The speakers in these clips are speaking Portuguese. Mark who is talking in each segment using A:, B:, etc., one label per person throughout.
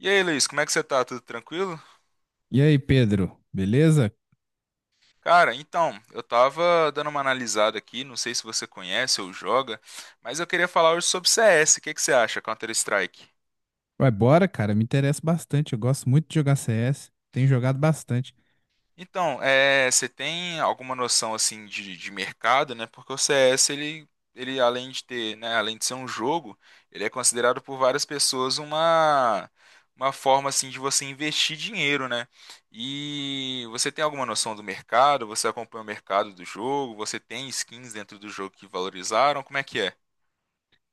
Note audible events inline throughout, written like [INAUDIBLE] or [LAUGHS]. A: E aí, Luiz, como é que você tá? Tudo tranquilo?
B: E aí, Pedro, beleza?
A: Cara, então, eu tava dando uma analisada aqui, não sei se você conhece ou joga, mas eu queria falar hoje sobre CS. O que que você acha, Counter-Strike?
B: Vai, bora, cara. Me interessa bastante. Eu gosto muito de jogar CS. Tenho jogado bastante.
A: Então, você tem alguma noção assim de mercado, né? Porque o CS ele além de ter, né, além de ser um jogo, ele é considerado por várias pessoas uma forma assim de você investir dinheiro, né? E você tem alguma noção do mercado? Você acompanha o mercado do jogo? Você tem skins dentro do jogo que valorizaram? Como é que é?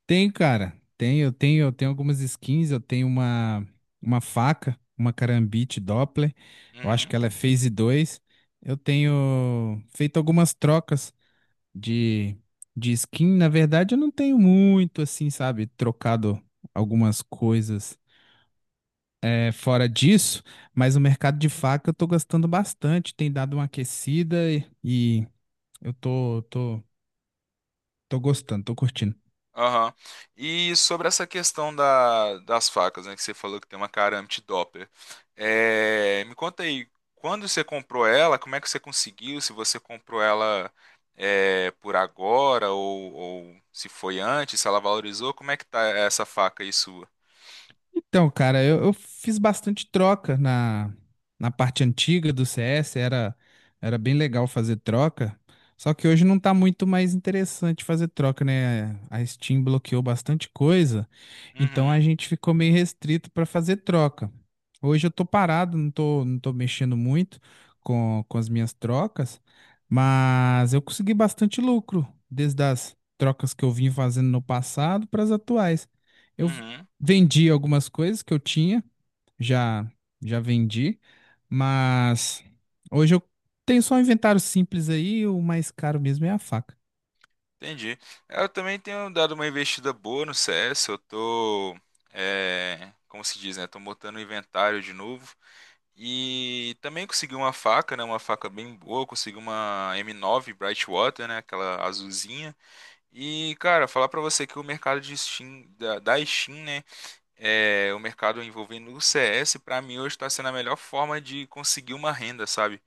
B: Tenho, cara. Eu tenho algumas skins. Eu tenho uma faca, uma Karambit Doppler. Eu acho
A: Uhum.
B: que ela é Phase 2. Eu tenho feito algumas trocas de, de skin. Na verdade, eu não tenho muito, assim, sabe? Trocado algumas coisas fora disso, mas o mercado de faca eu tô gostando bastante, tem dado uma aquecida e eu tô gostando, tô curtindo.
A: Aham. E sobre essa questão das facas, né, que você falou que tem uma cara anti-dopper. Me conta aí, quando você comprou ela, como é que você conseguiu? Se você comprou ela por agora ou se foi antes, se ela valorizou, como é que tá essa faca aí sua?
B: Então, cara, eu fiz bastante troca na parte antiga do CS, era bem legal fazer troca, só que hoje não tá muito mais interessante fazer troca, né? A Steam bloqueou bastante coisa, então a
A: Uhum,
B: gente ficou meio restrito para fazer troca. Hoje eu tô parado, não tô mexendo muito com as minhas trocas, mas eu consegui bastante lucro desde as trocas que eu vim fazendo no passado para as atuais. Eu
A: uhum,
B: vendi algumas coisas que eu tinha, já já vendi, mas hoje eu tenho só um inventário simples aí, o mais caro mesmo é a faca.
A: entendi. Eu também tenho dado uma investida boa no CS, eu tô, como se diz, né? Tô montando o inventário de novo. E também consegui uma faca, né? Uma faca bem boa. Consegui uma M9 Brightwater, né? Aquela azulzinha. E, cara, falar pra você que o mercado de Steam, da Steam, né? O mercado envolvendo o CS, pra mim hoje tá sendo a melhor forma de conseguir uma renda, sabe?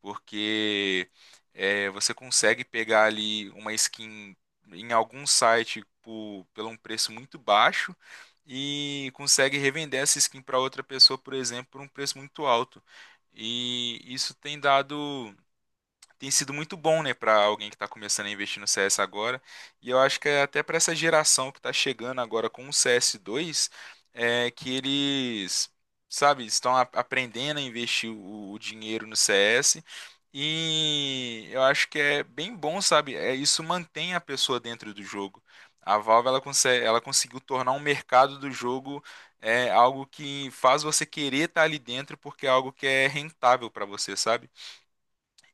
A: Porque você consegue pegar ali uma skin em algum site pelo um preço muito baixo e consegue revender essa skin para outra pessoa, por exemplo, por um preço muito alto. E isso tem sido muito bom, né, para alguém que está começando a investir no CS agora. E eu acho que é até para essa geração que está chegando agora com o CS2, é que eles, sabe, aprendendo a investir o dinheiro no CS. E eu acho que é bem bom, sabe? Isso mantém a pessoa dentro do jogo. A Valve ela conseguiu tornar um mercado do jogo é algo que faz você querer estar ali dentro porque é algo que é rentável para você, sabe?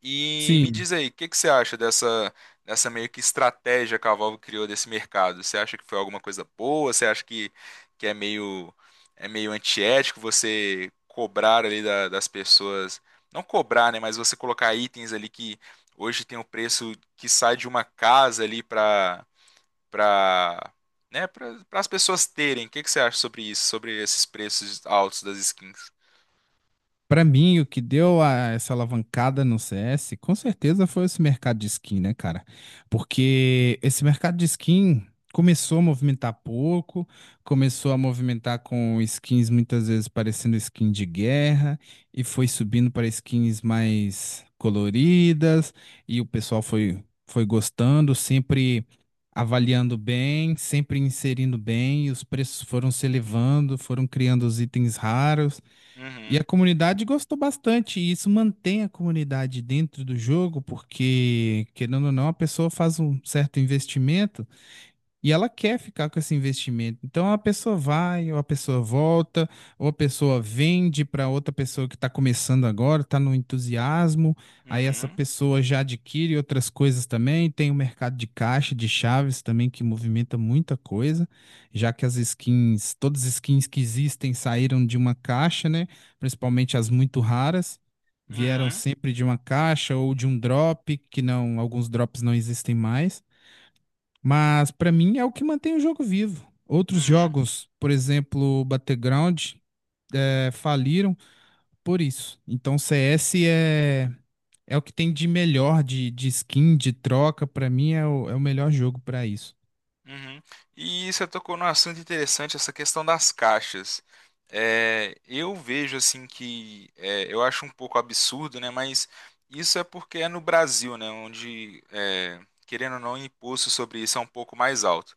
A: E me
B: Sim.
A: diz aí, o que que você acha dessa meio que estratégia que a Valve criou desse mercado? Você acha que foi alguma coisa boa? Você acha que, que é meio, é meio antiético você cobrar ali das pessoas? Não cobrar, né? Mas você colocar itens ali que hoje tem um preço que sai de uma casa ali para, né? Para as pessoas terem. O que que você acha sobre isso? Sobre esses preços altos das skins?
B: Pra mim, o que deu essa alavancada no CS, com certeza foi esse mercado de skin, né, cara? Porque esse mercado de skin começou a movimentar pouco, começou a movimentar com skins muitas vezes parecendo skin de guerra, e foi subindo para skins mais coloridas, e o pessoal foi, foi gostando, sempre avaliando bem, sempre inserindo bem, e os preços foram se elevando, foram criando os itens raros. E
A: Uhum,
B: a comunidade gostou bastante, e isso mantém a comunidade dentro do jogo, porque, querendo ou não, a pessoa faz um certo investimento. E ela quer ficar com esse investimento. Então a pessoa vai, ou a pessoa volta, ou a pessoa vende para outra pessoa que está começando agora, está no entusiasmo. Aí essa
A: uhum,
B: pessoa já adquire outras coisas também. Tem o mercado de caixa, de chaves também, que movimenta muita coisa, já que as skins, todas as skins que existem saíram de uma caixa, né? Principalmente as muito raras. Vieram
A: uhum,
B: sempre de uma caixa ou de um drop, que não, alguns drops não existem mais. Mas para mim é o que mantém o jogo vivo. Outros
A: uhum.
B: jogos, por exemplo, Battleground, faliram por isso. Então CS é o que tem de melhor de skin, de troca. Para mim é é o melhor jogo para isso.
A: Uhum. E você tocou num assunto interessante, essa questão das caixas. Eu vejo assim eu acho um pouco absurdo, né? Mas isso é porque é no Brasil, né? Onde, querendo ou não, o imposto sobre isso é um pouco mais alto.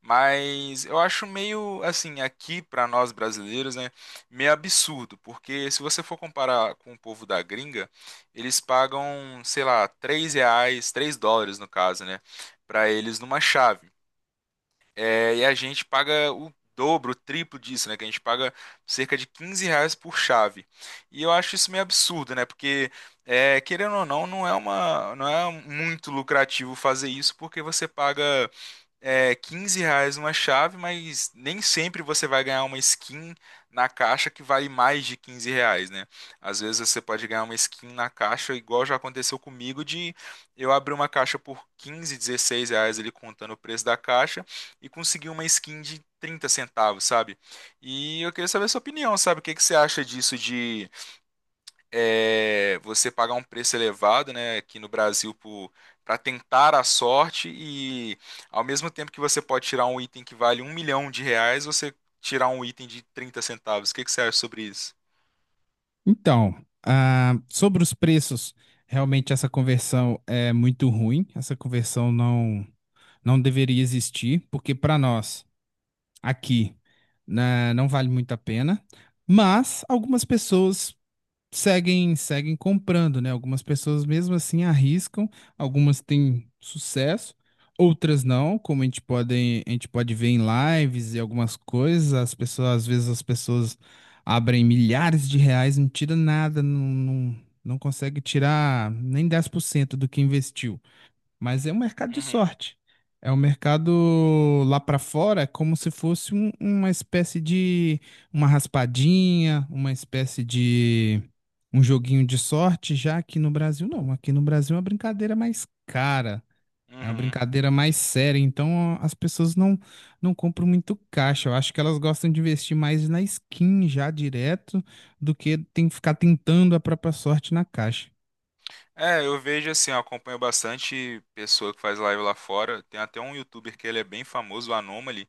A: Mas eu acho meio assim, aqui para nós brasileiros, né? Meio absurdo, porque se você for comparar com o povo da gringa, eles pagam, sei lá, R$ 3, US$ 3 no caso, né? Para eles numa chave. E a gente paga o dobro, o triplo disso, né? Que a gente paga cerca de R$ 15 por chave. E eu acho isso meio absurdo, né? Porque, querendo ou não, não é uma, não é muito lucrativo fazer isso, porque você paga R$ 15 uma chave, mas nem sempre você vai ganhar uma skin na caixa que vale mais de R$ 15, né? Às vezes você pode ganhar uma skin na caixa, igual já aconteceu comigo, de eu abrir uma caixa por 15 16 reais ali contando o preço da caixa e conseguir uma skin de R$ 0,30, sabe? E eu queria saber a sua opinião, sabe? O que que você acha disso de você pagar um preço elevado, né, aqui no Brasil para tentar a sorte e ao mesmo tempo que você pode tirar um item que vale um milhão de reais, você tirar um item de R$ 0,30. O que que você acha sobre isso?
B: Então, sobre os preços, realmente essa conversão é muito ruim. Essa conversão não deveria existir, porque para nós aqui, né, não vale muito a pena. Mas algumas pessoas seguem comprando, né? Algumas pessoas mesmo assim arriscam, algumas têm sucesso, outras não, como a gente pode ver em lives e algumas coisas, às vezes as pessoas abrem milhares de reais, não tira nada, não, não, não consegue tirar nem 10% do que investiu. Mas é um mercado de
A: Uhum,
B: sorte. É um mercado lá para fora, é como se fosse uma espécie de uma raspadinha, uma espécie de um joguinho de sorte. Já aqui no Brasil, não. Aqui no Brasil é uma brincadeira mais cara, é uma
A: uhum.
B: brincadeira mais séria. Então as pessoas não, não compram muito caixa. Eu acho que elas gostam de investir mais na skin já direto do que tem que ficar tentando a própria sorte na caixa.
A: Eu vejo assim, eu acompanho bastante pessoa que faz live lá fora. Tem até um youtuber que ele é bem famoso, o Anomaly.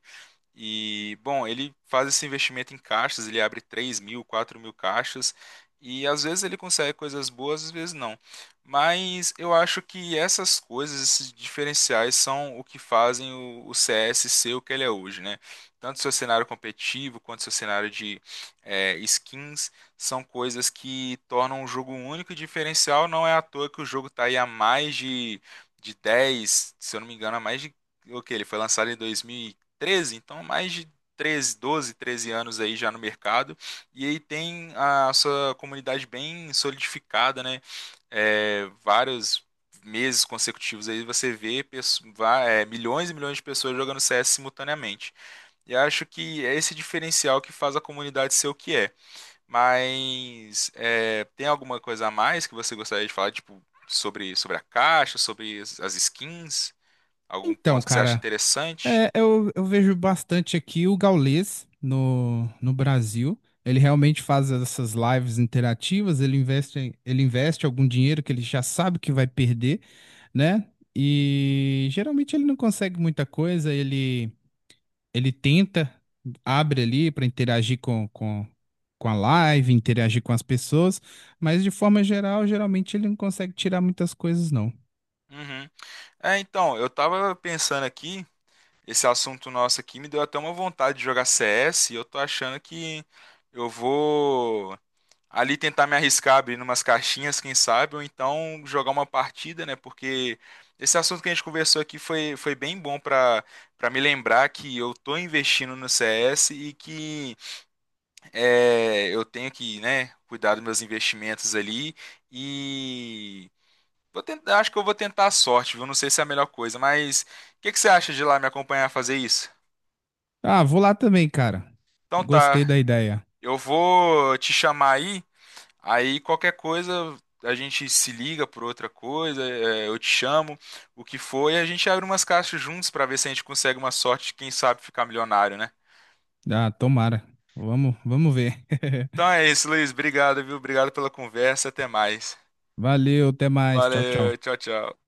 A: E, bom, ele faz esse investimento em caixas, ele abre 3 mil, 4 mil caixas, e às vezes ele consegue coisas boas, às vezes não. Mas eu acho que essas coisas, esses diferenciais, são o que fazem o CS ser o que ele é hoje, né? Tanto seu cenário competitivo quanto seu cenário de skins são coisas que tornam o jogo único e diferencial. Não é à toa que o jogo está aí há mais de 10 se eu não me engano, há mais de. O que? Ele foi lançado em 2000 13, então mais de 13, 12, 13 anos aí já no mercado, e aí tem a sua comunidade bem solidificada, né? Vários meses consecutivos aí você vê milhões e milhões de pessoas jogando CS simultaneamente. E acho que é esse diferencial que faz a comunidade ser o que é. Mas tem alguma coisa a mais que você gostaria de falar, tipo, sobre a caixa, sobre as skins? Algum
B: Então,
A: ponto que você acha
B: cara.
A: interessante?
B: Eu vejo bastante aqui o Gaules no Brasil. Ele realmente faz essas lives interativas, ele investe algum dinheiro que ele já sabe que vai perder, né? E geralmente ele não consegue muita coisa, ele tenta, abre ali para com a live, interagir com as pessoas, mas de forma geral, geralmente ele não consegue tirar muitas coisas, não.
A: Uhum. Então, eu tava pensando aqui, esse assunto nosso aqui me deu até uma vontade de jogar CS, e eu tô achando que eu vou ali tentar me arriscar, abrir umas caixinhas, quem sabe, ou então jogar uma partida, né? Porque esse assunto que a gente conversou aqui foi bem bom pra para me lembrar que eu tô investindo no CS e que eu tenho que, né, cuidar dos meus investimentos ali. E vou tentar, acho que eu vou tentar a sorte, viu? Não sei se é a melhor coisa, mas o que que você acha de ir lá me acompanhar a fazer isso?
B: Ah, vou lá também, cara.
A: Então
B: Eu gostei
A: tá,
B: da ideia.
A: eu vou te chamar aí, aí qualquer coisa a gente se liga por outra coisa, eu te chamo, o que for, e a gente abre umas caixas juntos pra ver se a gente consegue uma sorte, de, quem sabe ficar milionário, né?
B: Ah, tomara. Vamos ver. [LAUGHS]
A: Então é isso, Luiz, obrigado, viu? Obrigado pela conversa, até mais.
B: Valeu, até mais. Tchau, tchau.
A: Valeu, tchau, tchau.